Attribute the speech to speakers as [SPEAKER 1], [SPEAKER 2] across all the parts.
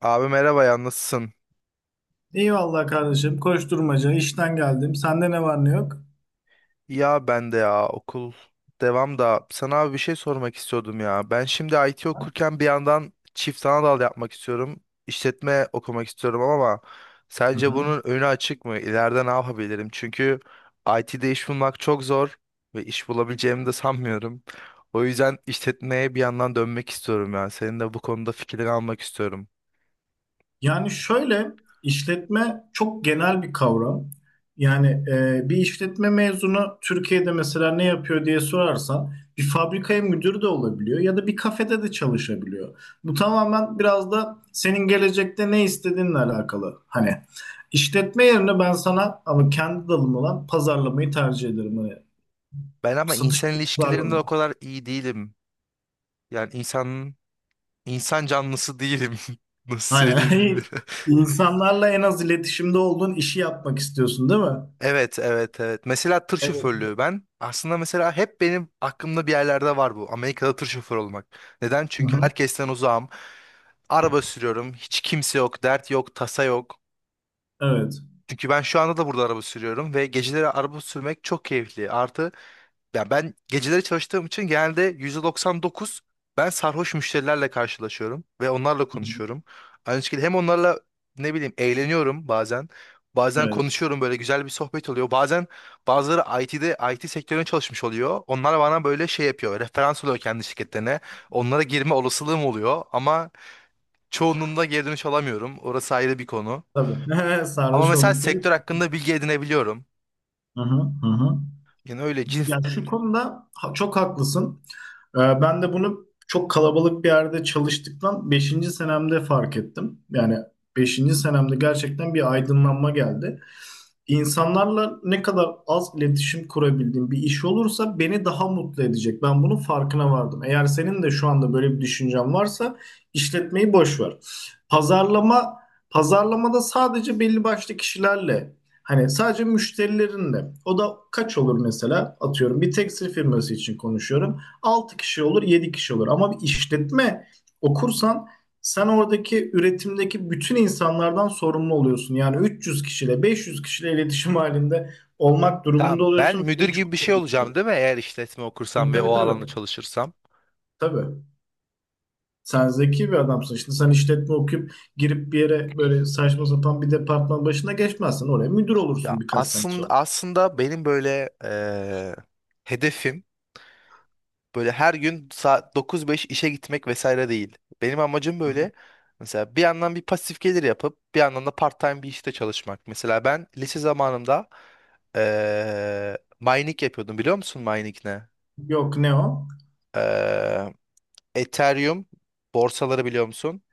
[SPEAKER 1] Abi merhaba ya, nasılsın?
[SPEAKER 2] İyi, eyvallah kardeşim. Koşturmaca. İşten geldim. Sende ne var ne yok?
[SPEAKER 1] Ya ben de ya, okul devam da sana abi bir şey sormak istiyordum ya. Ben şimdi IT okurken bir yandan çift ana dal yapmak istiyorum. İşletme okumak istiyorum ama
[SPEAKER 2] Hı
[SPEAKER 1] sence
[SPEAKER 2] hı.
[SPEAKER 1] bunun önü açık mı? İleride ne yapabilirim? Çünkü IT'de iş bulmak çok zor ve iş bulabileceğimi de sanmıyorum. O yüzden işletmeye bir yandan dönmek istiyorum ya. Senin de bu konuda fikrini almak istiyorum.
[SPEAKER 2] Yani şöyle işletme çok genel bir kavram. Yani bir işletme mezunu Türkiye'de mesela ne yapıyor diye sorarsan bir fabrikaya müdür de olabiliyor ya da bir kafede de çalışabiliyor. Bu tamamen biraz da senin gelecekte ne istediğinle alakalı. Hani işletme yerine ben sana ama kendi dalım olan pazarlamayı tercih ederim. Hani
[SPEAKER 1] Ben ama
[SPEAKER 2] satış
[SPEAKER 1] insan
[SPEAKER 2] ve
[SPEAKER 1] ilişkilerinde o
[SPEAKER 2] pazarlama.
[SPEAKER 1] kadar iyi değilim. Yani insan canlısı değilim. Nasıl söyleyeyim
[SPEAKER 2] Aynen.
[SPEAKER 1] bilmiyorum.
[SPEAKER 2] İnsanlarla en az iletişimde olduğun işi yapmak istiyorsun, değil mi?
[SPEAKER 1] Evet, evet, evet. Mesela tır
[SPEAKER 2] Evet.
[SPEAKER 1] şoförlüğü ben aslında mesela hep benim aklımda bir yerlerde var bu. Amerika'da tır şoförü olmak. Neden? Çünkü
[SPEAKER 2] Hı-hı.
[SPEAKER 1] herkesten uzağım. Araba sürüyorum. Hiç kimse yok, dert yok, tasa yok.
[SPEAKER 2] Evet.
[SPEAKER 1] Çünkü ben şu anda da burada araba sürüyorum ve geceleri araba sürmek çok keyifli. Artı ya, ben geceleri çalıştığım için genelde %99 ben sarhoş müşterilerle karşılaşıyorum ve onlarla
[SPEAKER 2] Hı-hı.
[SPEAKER 1] konuşuyorum. Aynı şekilde hem onlarla ne bileyim eğleniyorum bazen. Bazen
[SPEAKER 2] Evet.
[SPEAKER 1] konuşuyorum, böyle güzel bir sohbet oluyor. Bazen bazıları IT sektörüne çalışmış oluyor. Onlar bana böyle şey yapıyor. Referans oluyor kendi şirketlerine. Onlara girme olasılığım oluyor ama çoğunluğunda geri dönüş alamıyorum. Orası ayrı bir konu.
[SPEAKER 2] Tabii.
[SPEAKER 1] Ama
[SPEAKER 2] Sarhoş
[SPEAKER 1] mesela
[SPEAKER 2] oldukları
[SPEAKER 1] sektör
[SPEAKER 2] için.
[SPEAKER 1] hakkında bilgi edinebiliyorum.
[SPEAKER 2] Hı-hı. Hı-hı.
[SPEAKER 1] Yani öyle cins...
[SPEAKER 2] Ya şu konuda çok haklısın. Ben de bunu çok kalabalık bir yerde çalıştıktan beşinci senemde fark ettim. Yani beşinci senemde gerçekten bir aydınlanma geldi. İnsanlarla ne kadar az iletişim kurabildiğim bir iş olursa beni daha mutlu edecek. Ben bunun farkına vardım. Eğer senin de şu anda böyle bir düşüncen varsa işletmeyi boş ver. Pazarlama pazarlamada sadece belli başlı kişilerle hani sadece müşterilerinle, o da kaç olur mesela, atıyorum bir tekstil firması için konuşuyorum. 6 kişi olur, 7 kişi olur, ama bir işletme okursan sen oradaki üretimdeki bütün insanlardan sorumlu oluyorsun. Yani 300 kişiyle 500 kişiyle iletişim halinde olmak durumunda
[SPEAKER 1] Tamam, ben
[SPEAKER 2] oluyorsun.
[SPEAKER 1] müdür
[SPEAKER 2] Bu
[SPEAKER 1] gibi bir
[SPEAKER 2] çok
[SPEAKER 1] şey
[SPEAKER 2] kötü bir şey.
[SPEAKER 1] olacağım değil mi? Eğer işletme okursam
[SPEAKER 2] Tabii,
[SPEAKER 1] ve
[SPEAKER 2] tabii,
[SPEAKER 1] o
[SPEAKER 2] tabii.
[SPEAKER 1] alanda çalışırsam.
[SPEAKER 2] Tabii. Sen zeki bir adamsın. Şimdi sen işletme okuyup girip bir yere böyle saçma sapan bir departman başına geçmezsin. Oraya müdür
[SPEAKER 1] Ya,
[SPEAKER 2] olursun birkaç sene
[SPEAKER 1] aslında
[SPEAKER 2] sonra.
[SPEAKER 1] aslında benim böyle hedefim böyle her gün saat 9-5 işe gitmek vesaire değil. Benim amacım böyle mesela bir yandan bir pasif gelir yapıp bir yandan da part-time bir işte çalışmak. Mesela ben lise zamanımda mining yapıyordum, biliyor musun mining ne?
[SPEAKER 2] Yok, ne o?
[SPEAKER 1] Eee, Ethereum borsaları biliyor musun?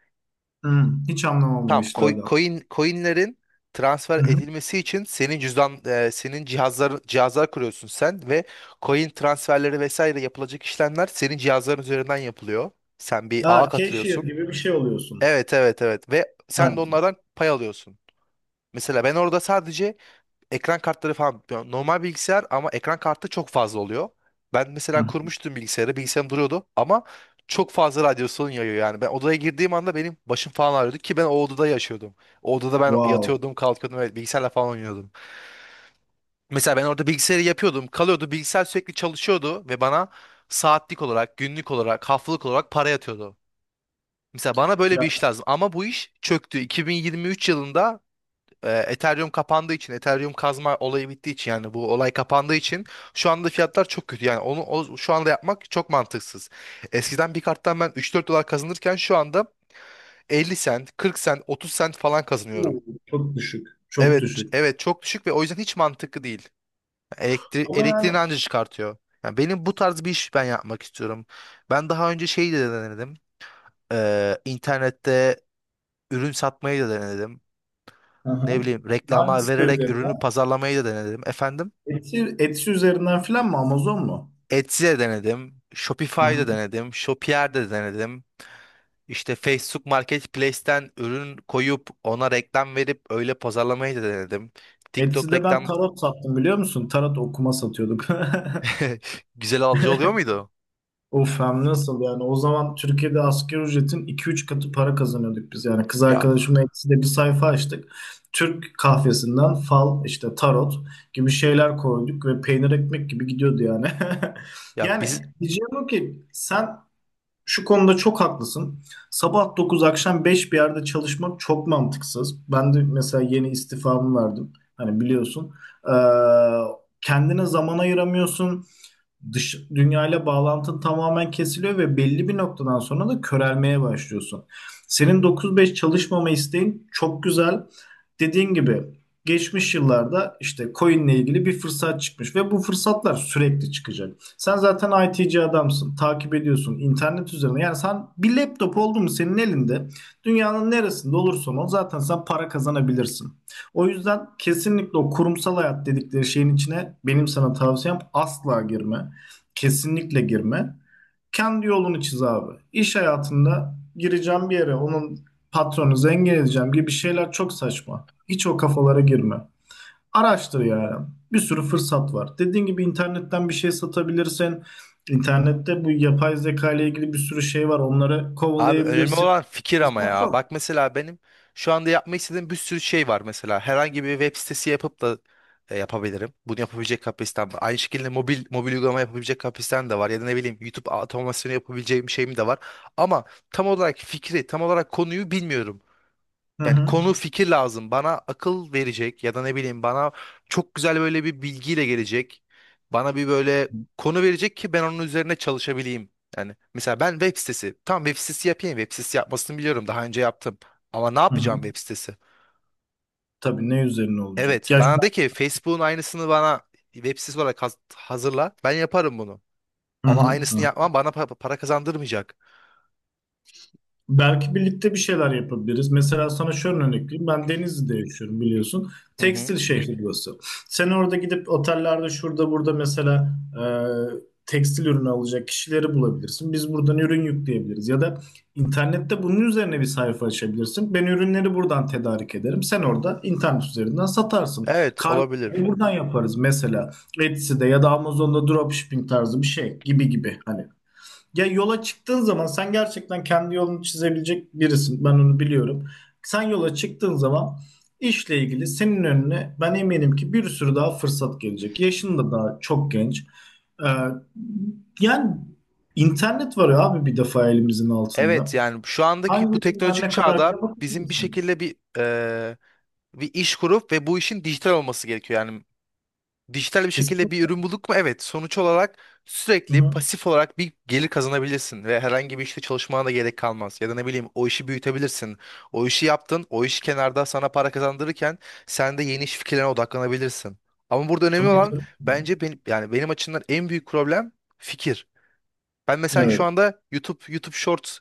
[SPEAKER 2] Hı, hiç anlamam o
[SPEAKER 1] Tamam,
[SPEAKER 2] işlerden.
[SPEAKER 1] coinlerin transfer
[SPEAKER 2] Hı hı.
[SPEAKER 1] edilmesi için senin senin cihazlar kuruyorsun sen ve coin transferleri vesaire yapılacak işlemler senin cihazların üzerinden yapılıyor. Sen bir ağa
[SPEAKER 2] Aa, cashier
[SPEAKER 1] katılıyorsun.
[SPEAKER 2] gibi bir şey oluyorsun.
[SPEAKER 1] Evet evet evet, ve sen de
[SPEAKER 2] Aynen.
[SPEAKER 1] onlardan pay alıyorsun. Mesela ben orada sadece ekran kartları falan, yani normal bilgisayar ama ekran kartı çok fazla oluyor. Ben
[SPEAKER 2] Hı
[SPEAKER 1] mesela
[SPEAKER 2] hı.
[SPEAKER 1] kurmuştum bilgisayarı, bilgisayarım duruyordu ama çok fazla radyasyon yayıyor yani. Ben odaya girdiğim anda benim başım falan ağrıyordu ki ben o odada yaşıyordum. O odada ben
[SPEAKER 2] Wow.
[SPEAKER 1] yatıyordum, kalkıyordum ve bilgisayarla falan oynuyordum. Mesela ben orada bilgisayarı yapıyordum, kalıyordu, bilgisayar sürekli çalışıyordu ve bana saatlik olarak, günlük olarak, haftalık olarak para yatıyordu. Mesela bana böyle
[SPEAKER 2] Ya,
[SPEAKER 1] bir iş lazım ama bu iş çöktü. 2023 yılında Ethereum kapandığı için, Ethereum kazma olayı bittiği için, yani bu olay kapandığı için şu anda fiyatlar çok kötü. Yani şu anda yapmak çok mantıksız. Eskiden bir karttan ben 3-4 dolar kazanırken şu anda 50 sent, 40 sent, 30 sent falan kazanıyorum.
[SPEAKER 2] oo, çok düşük. Çok
[SPEAKER 1] Evet,
[SPEAKER 2] düşük.
[SPEAKER 1] evet, çok düşük ve o yüzden hiç mantıklı değil.
[SPEAKER 2] Ama
[SPEAKER 1] Elektriğini
[SPEAKER 2] yani.
[SPEAKER 1] anca çıkartıyor. Yani benim bu tarz bir iş ben yapmak istiyorum. Ben daha önce şeyi de denedim. İnternette ürün satmayı da denedim. Ne
[SPEAKER 2] Aha.
[SPEAKER 1] bileyim reklama
[SPEAKER 2] Hangisi
[SPEAKER 1] vererek ürünü
[SPEAKER 2] üzerinden?
[SPEAKER 1] pazarlamayı da denedim. Efendim?
[SPEAKER 2] Etsy, Etsy üzerinden filan mı? Amazon mu?
[SPEAKER 1] Etsy'de denedim. Shopify'da
[SPEAKER 2] Aha.
[SPEAKER 1] denedim. Shopier'de denedim. İşte Facebook Marketplace'ten ürün koyup ona reklam verip öyle pazarlamayı da denedim. TikTok
[SPEAKER 2] Etsy'de ben
[SPEAKER 1] reklam.
[SPEAKER 2] tarot sattım, biliyor musun? Tarot okuma satıyorduk.
[SPEAKER 1] Güzel alıcı oluyor muydu?
[SPEAKER 2] Of, hem nasıl! Yani o zaman Türkiye'de asgari ücretin iki üç katı para kazanıyorduk biz. Yani kız
[SPEAKER 1] Ya,
[SPEAKER 2] arkadaşımla Etsy'de bir sayfa açtık. Türk kahvesinden fal, işte tarot gibi şeyler koyduk ve peynir ekmek gibi gidiyordu yani.
[SPEAKER 1] ya
[SPEAKER 2] Yani diyeceğim o ki sen şu konuda çok haklısın. Sabah 9 akşam 5 bir yerde çalışmak çok mantıksız. Ben de mesela yeni istifamı verdim. Hani biliyorsun. Ee, kendine zaman ayıramıyorsun. Dış dünyayla bağlantın tamamen kesiliyor ve belli bir noktadan sonra da körelmeye başlıyorsun. Senin 9-5 çalışmama isteğin çok güzel. Dediğin gibi geçmiş yıllarda işte coin'le ilgili bir fırsat çıkmış ve bu fırsatlar sürekli çıkacak. Sen zaten IT'ci adamsın, takip ediyorsun internet üzerine. Yani sen bir laptop oldu mu senin elinde, dünyanın neresinde olursan ol zaten sen para kazanabilirsin. O yüzden kesinlikle o kurumsal hayat dedikleri şeyin içine benim sana tavsiyem asla girme. Kesinlikle girme. Kendi yolunu çiz abi. İş hayatında gireceğim bir yere, onun patronu zengin edeceğim gibi şeyler çok saçma. Hiç o kafalara girme. Araştır ya. Bir sürü fırsat var. Dediğin gibi internetten bir şey satabilirsin. İnternette bu yapay zeka ile ilgili bir sürü şey var. Onları
[SPEAKER 1] abi, önemli
[SPEAKER 2] kovalayabilirsin.
[SPEAKER 1] olan fikir ama
[SPEAKER 2] Fırsat
[SPEAKER 1] ya.
[SPEAKER 2] çok.
[SPEAKER 1] Bak mesela benim şu anda yapmak istediğim bir sürü şey var mesela. Herhangi bir web sitesi yapıp da yapabilirim. Bunu yapabilecek kapasitem var. Aynı şekilde mobil uygulama yapabilecek kapasitem de var. Ya da ne bileyim YouTube otomasyonu yapabileceğim şeyim de var. Ama tam olarak fikri, tam olarak konuyu bilmiyorum.
[SPEAKER 2] Hı
[SPEAKER 1] Yani
[SPEAKER 2] hı.
[SPEAKER 1] konu fikir lazım. Bana akıl verecek ya da ne bileyim bana çok güzel böyle bir bilgiyle gelecek. Bana bir böyle konu verecek ki ben onun üzerine çalışabileyim. Yani mesela ben web sitesi. Tamam, web sitesi yapayım. Web sitesi yapmasını biliyorum. Daha önce yaptım. Ama ne
[SPEAKER 2] Hı hı.
[SPEAKER 1] yapacağım web sitesi?
[SPEAKER 2] Tabii, ne üzerine olacak?
[SPEAKER 1] Evet
[SPEAKER 2] Ya şu-
[SPEAKER 1] bana de ki Facebook'un aynısını bana web sitesi olarak hazırla. Ben yaparım bunu.
[SPEAKER 2] Hı
[SPEAKER 1] Ama
[SPEAKER 2] hı.
[SPEAKER 1] aynısını yapmam bana para kazandırmayacak.
[SPEAKER 2] Belki birlikte bir şeyler yapabiliriz. Mesela sana şöyle örnek vereyim. Ben Denizli'de yaşıyorum, biliyorsun.
[SPEAKER 1] Hı hı.
[SPEAKER 2] Tekstil şehri burası. Sen orada gidip otellerde şurada burada mesela tekstil ürünü alacak kişileri bulabilirsin. Biz buradan ürün yükleyebiliriz. Ya da internette bunun üzerine bir sayfa açabilirsin. Ben ürünleri buradan tedarik ederim. Sen orada internet üzerinden satarsın.
[SPEAKER 1] Evet,
[SPEAKER 2] Kargo
[SPEAKER 1] olabilir.
[SPEAKER 2] buradan yaparız mesela. Etsy'de ya da Amazon'da dropshipping tarzı bir şey gibi gibi. Hani ya, yola çıktığın zaman sen gerçekten kendi yolunu çizebilecek birisin. Ben onu biliyorum. Sen yola çıktığın zaman işle ilgili senin önüne ben eminim ki bir sürü daha fırsat gelecek. Yaşın da daha çok genç. Ee, yani internet var ya abi, bir defa elimizin
[SPEAKER 1] Evet
[SPEAKER 2] altında.
[SPEAKER 1] yani şu andaki bu
[SPEAKER 2] Hangisinden
[SPEAKER 1] teknolojik
[SPEAKER 2] ne kadar bile
[SPEAKER 1] çağda bizim bir
[SPEAKER 2] bakabilirsin.
[SPEAKER 1] şekilde bir iş kurup ve bu işin dijital olması gerekiyor. Yani dijital bir şekilde bir
[SPEAKER 2] Kesinlikle.
[SPEAKER 1] ürün bulduk mu? Evet. Sonuç olarak sürekli
[SPEAKER 2] Hı-hı.
[SPEAKER 1] pasif olarak bir gelir kazanabilirsin ve herhangi bir işte çalışmana da gerek kalmaz. Ya da ne bileyim o işi büyütebilirsin. O işi yaptın, o iş kenarda sana para kazandırırken sen de yeni iş fikirlerine odaklanabilirsin. Ama burada önemli
[SPEAKER 2] Tabii,
[SPEAKER 1] olan,
[SPEAKER 2] tabii.
[SPEAKER 1] bence benim yani benim açımdan en büyük problem fikir. Ben mesela şu
[SPEAKER 2] Evet.
[SPEAKER 1] anda YouTube Shorts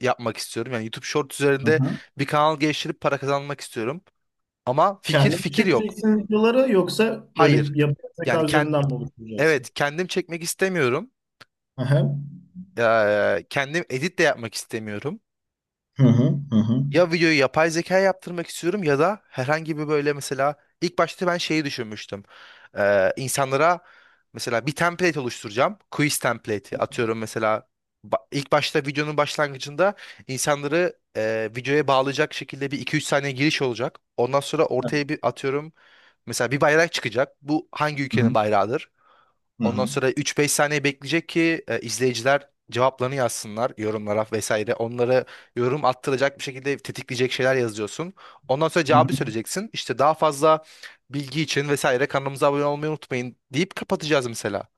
[SPEAKER 1] yapmak istiyorum. Yani YouTube Shorts üzerinde
[SPEAKER 2] Hı-hı.
[SPEAKER 1] bir kanal geliştirip para kazanmak istiyorum. Ama fikir
[SPEAKER 2] Kendin mi
[SPEAKER 1] fikir yok.
[SPEAKER 2] çekeceksin videoları, yoksa
[SPEAKER 1] Hayır.
[SPEAKER 2] böyle yapay
[SPEAKER 1] Yani
[SPEAKER 2] zeka üzerinden mi oluşturacaksın?
[SPEAKER 1] evet kendim çekmek istemiyorum.
[SPEAKER 2] Hı-hı.
[SPEAKER 1] Kendim edit de yapmak istemiyorum.
[SPEAKER 2] Hı-hı. Hı-hı.
[SPEAKER 1] Ya videoyu yapay zeka yaptırmak istiyorum ya da herhangi bir böyle mesela ilk başta ben şeyi düşünmüştüm. İnsanlara mesela bir template oluşturacağım. Quiz template'i atıyorum mesela ilk başta videonun başlangıcında insanları videoya bağlayacak şekilde bir iki üç saniye giriş olacak. Ondan sonra
[SPEAKER 2] Evet.
[SPEAKER 1] ortaya bir atıyorum mesela bir bayrak çıkacak. Bu hangi
[SPEAKER 2] Hı
[SPEAKER 1] ülkenin
[SPEAKER 2] hı.
[SPEAKER 1] bayrağıdır?
[SPEAKER 2] Hı
[SPEAKER 1] Ondan
[SPEAKER 2] hı.
[SPEAKER 1] sonra üç beş saniye bekleyecek ki izleyiciler cevaplarını yazsınlar yorumlara vesaire. Onları yorum attıracak bir şekilde tetikleyecek şeyler yazıyorsun. Ondan sonra
[SPEAKER 2] Hı hı.
[SPEAKER 1] cevabı söyleyeceksin. İşte daha fazla bilgi için vesaire kanalımıza abone olmayı unutmayın deyip kapatacağız mesela.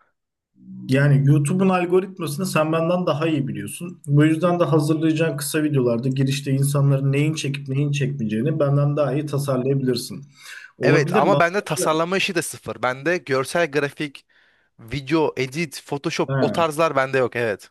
[SPEAKER 2] Yani YouTube'un algoritmasını sen benden daha iyi biliyorsun. Bu yüzden de hazırlayacağın kısa videolarda girişte insanların neyin çekip neyin çekmeyeceğini benden daha iyi tasarlayabilirsin.
[SPEAKER 1] Evet
[SPEAKER 2] Olabilir mi?
[SPEAKER 1] ama bende tasarlama işi de sıfır. Bende görsel grafik, video, edit,
[SPEAKER 2] He.
[SPEAKER 1] Photoshop, o tarzlar bende yok. Evet.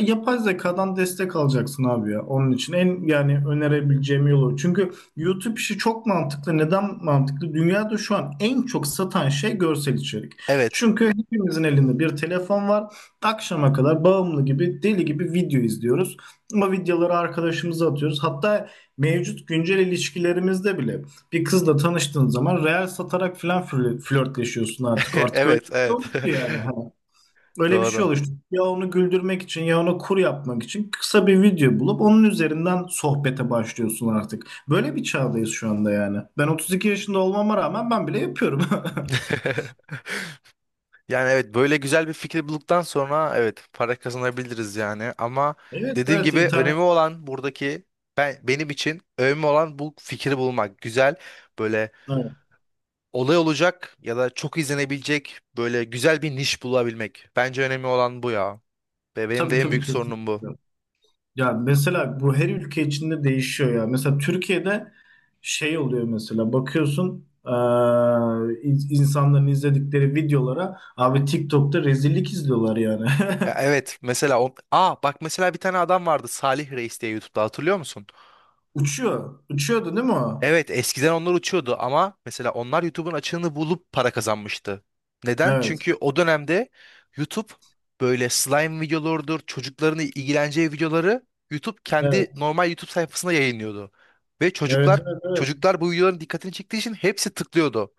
[SPEAKER 2] Yapay zekadan destek alacaksın abi ya, onun için. En yani önerebileceğim yolu. Çünkü YouTube işi çok mantıklı. Neden mantıklı? Dünyada şu an en çok satan şey görsel içerik.
[SPEAKER 1] Evet.
[SPEAKER 2] Çünkü hepimizin elinde bir telefon var. Akşama kadar bağımlı gibi, deli gibi video izliyoruz. Ama videoları arkadaşımıza atıyoruz. Hatta mevcut güncel ilişkilerimizde bile, bir kızla tanıştığın zaman reel satarak falan flörtleşiyorsun artık. Artık öyle
[SPEAKER 1] Evet,
[SPEAKER 2] bir şey
[SPEAKER 1] evet.
[SPEAKER 2] olmuştu yani. Ha. Öyle bir şey
[SPEAKER 1] Doğru.
[SPEAKER 2] oluştu. Ya onu güldürmek için, ya ona kur yapmak için kısa bir video bulup onun üzerinden sohbete başlıyorsun artık. Böyle bir çağdayız şu anda yani. Ben 32 yaşında olmama rağmen ben bile yapıyorum.
[SPEAKER 1] Yani evet, böyle güzel bir fikir bulduktan sonra evet para kazanabiliriz yani ama
[SPEAKER 2] Evet,
[SPEAKER 1] dediğim
[SPEAKER 2] evet,
[SPEAKER 1] gibi
[SPEAKER 2] internet.
[SPEAKER 1] önemi olan buradaki, benim için önemli olan bu fikri bulmak. Güzel böyle
[SPEAKER 2] Evet.
[SPEAKER 1] olay olacak ya da çok izlenebilecek böyle güzel bir niş bulabilmek. Bence önemli olan bu ya. Ve benim
[SPEAKER 2] Tabii,
[SPEAKER 1] de en
[SPEAKER 2] tabii,
[SPEAKER 1] büyük sorunum bu.
[SPEAKER 2] kesinlikle. Ya mesela bu her ülke içinde değişiyor ya. Mesela Türkiye'de şey oluyor. Mesela bakıyorsun insanların izledikleri videolara abi, TikTok'ta rezillik izliyorlar yani.
[SPEAKER 1] Ya evet, mesela o... Aa, bak mesela bir tane adam vardı, Salih Reis diye, YouTube'da hatırlıyor musun?
[SPEAKER 2] Uçuyor. Uçuyordu değil mi o?
[SPEAKER 1] Evet, eskiden onlar uçuyordu ama mesela onlar YouTube'un açığını bulup para kazanmıştı. Neden?
[SPEAKER 2] Evet.
[SPEAKER 1] Çünkü o dönemde YouTube böyle slime videolarıdır, çocukların ilgileneceği videoları YouTube kendi
[SPEAKER 2] Evet.
[SPEAKER 1] normal YouTube sayfasında yayınlıyordu. Ve
[SPEAKER 2] Evet,
[SPEAKER 1] çocuklar
[SPEAKER 2] evet, evet.
[SPEAKER 1] çocuklar bu videoların dikkatini çektiği için hepsi tıklıyordu.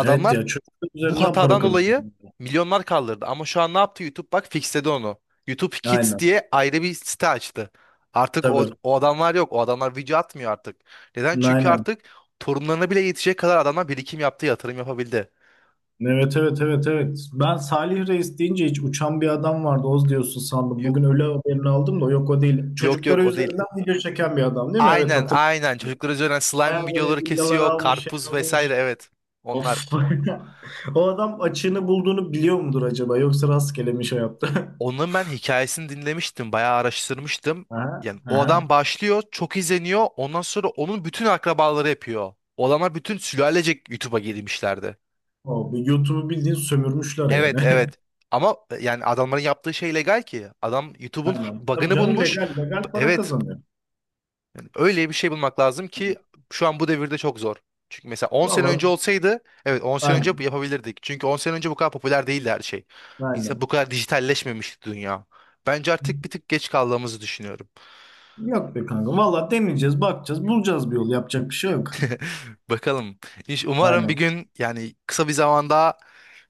[SPEAKER 2] Evet, ya çocuklar
[SPEAKER 1] bu
[SPEAKER 2] üzerinden para
[SPEAKER 1] hatadan dolayı
[SPEAKER 2] kazanıyor.
[SPEAKER 1] milyonlar kaldırdı. Ama şu an ne yaptı YouTube? Bak, fixledi onu. YouTube Kids
[SPEAKER 2] Aynen.
[SPEAKER 1] diye ayrı bir site açtı. Artık o,
[SPEAKER 2] Tabii.
[SPEAKER 1] o adamlar yok. O adamlar video atmıyor artık. Neden? Çünkü
[SPEAKER 2] Aynen.
[SPEAKER 1] artık torunlarına bile yetecek kadar adamlar birikim yaptı, yatırım yapabildi.
[SPEAKER 2] Evet, evet, evet, evet. Ben Salih Reis deyince hiç uçan bir adam vardı Oz diyorsun sandım.
[SPEAKER 1] Yo-
[SPEAKER 2] Bugün öyle haberini aldım da, yok o değil.
[SPEAKER 1] Yok
[SPEAKER 2] Çocuklara
[SPEAKER 1] yok, o değil.
[SPEAKER 2] üzerinden video çeken bir adam değil mi? Evet,
[SPEAKER 1] Aynen
[SPEAKER 2] hatırlıyorum.
[SPEAKER 1] aynen. Çocuklar üzerinden
[SPEAKER 2] Bayağı
[SPEAKER 1] slime
[SPEAKER 2] böyle
[SPEAKER 1] videoları
[SPEAKER 2] villalar
[SPEAKER 1] kesiyor.
[SPEAKER 2] almış, şey
[SPEAKER 1] Karpuz vesaire,
[SPEAKER 2] almış.
[SPEAKER 1] evet. Onlar.
[SPEAKER 2] Of. O adam açığını bulduğunu biliyor mudur acaba? Yoksa rastgele mi şey yaptı?
[SPEAKER 1] Onun ben hikayesini dinlemiştim, bayağı araştırmıştım.
[SPEAKER 2] Aha,
[SPEAKER 1] Yani o adam
[SPEAKER 2] aha.
[SPEAKER 1] başlıyor, çok izleniyor. Ondan sonra onun bütün akrabaları yapıyor. O bütün sülalecek YouTube'a girmişlerdi.
[SPEAKER 2] O, bir YouTube'u bildiğin sömürmüşler
[SPEAKER 1] Evet,
[SPEAKER 2] yani.
[SPEAKER 1] evet. Ama yani adamların yaptığı şey legal ki. Adam YouTube'un
[SPEAKER 2] Aynen. Tabii
[SPEAKER 1] bug'ını
[SPEAKER 2] canım,
[SPEAKER 1] bulmuş.
[SPEAKER 2] legal legal para
[SPEAKER 1] Evet.
[SPEAKER 2] kazanıyor.
[SPEAKER 1] Yani öyle bir şey bulmak lazım ki şu an bu devirde çok zor. Çünkü mesela 10 sene
[SPEAKER 2] Valla
[SPEAKER 1] önce olsaydı, evet 10 sene önce
[SPEAKER 2] aynen.
[SPEAKER 1] yapabilirdik. Çünkü 10 sene önce bu kadar popüler değildi her şey. İnsan bu
[SPEAKER 2] Aynen.
[SPEAKER 1] kadar dijitalleşmemişti dünya. Bence artık bir tık geç kaldığımızı düşünüyorum.
[SPEAKER 2] Yok be kanka. Valla deneyeceğiz, bakacağız, bulacağız bir yol. Yapacak bir şey yok.
[SPEAKER 1] Bakalım. İş umarım bir
[SPEAKER 2] Aynen.
[SPEAKER 1] gün, yani kısa bir zamanda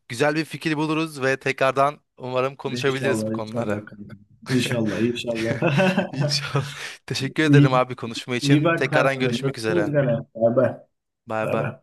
[SPEAKER 1] güzel bir fikir buluruz ve tekrardan umarım konuşabiliriz bu
[SPEAKER 2] İnşallah,
[SPEAKER 1] konuları.
[SPEAKER 2] inşallah kanka. İnşallah, inşallah.
[SPEAKER 1] İnşallah. Teşekkür ederim
[SPEAKER 2] İyi,
[SPEAKER 1] abi konuşma
[SPEAKER 2] iyi
[SPEAKER 1] için.
[SPEAKER 2] bak
[SPEAKER 1] Tekrardan
[SPEAKER 2] kendine.
[SPEAKER 1] görüşmek
[SPEAKER 2] Görüşürüz
[SPEAKER 1] üzere.
[SPEAKER 2] gene. Bay bay.
[SPEAKER 1] Bay
[SPEAKER 2] Bay
[SPEAKER 1] bay.
[SPEAKER 2] bay.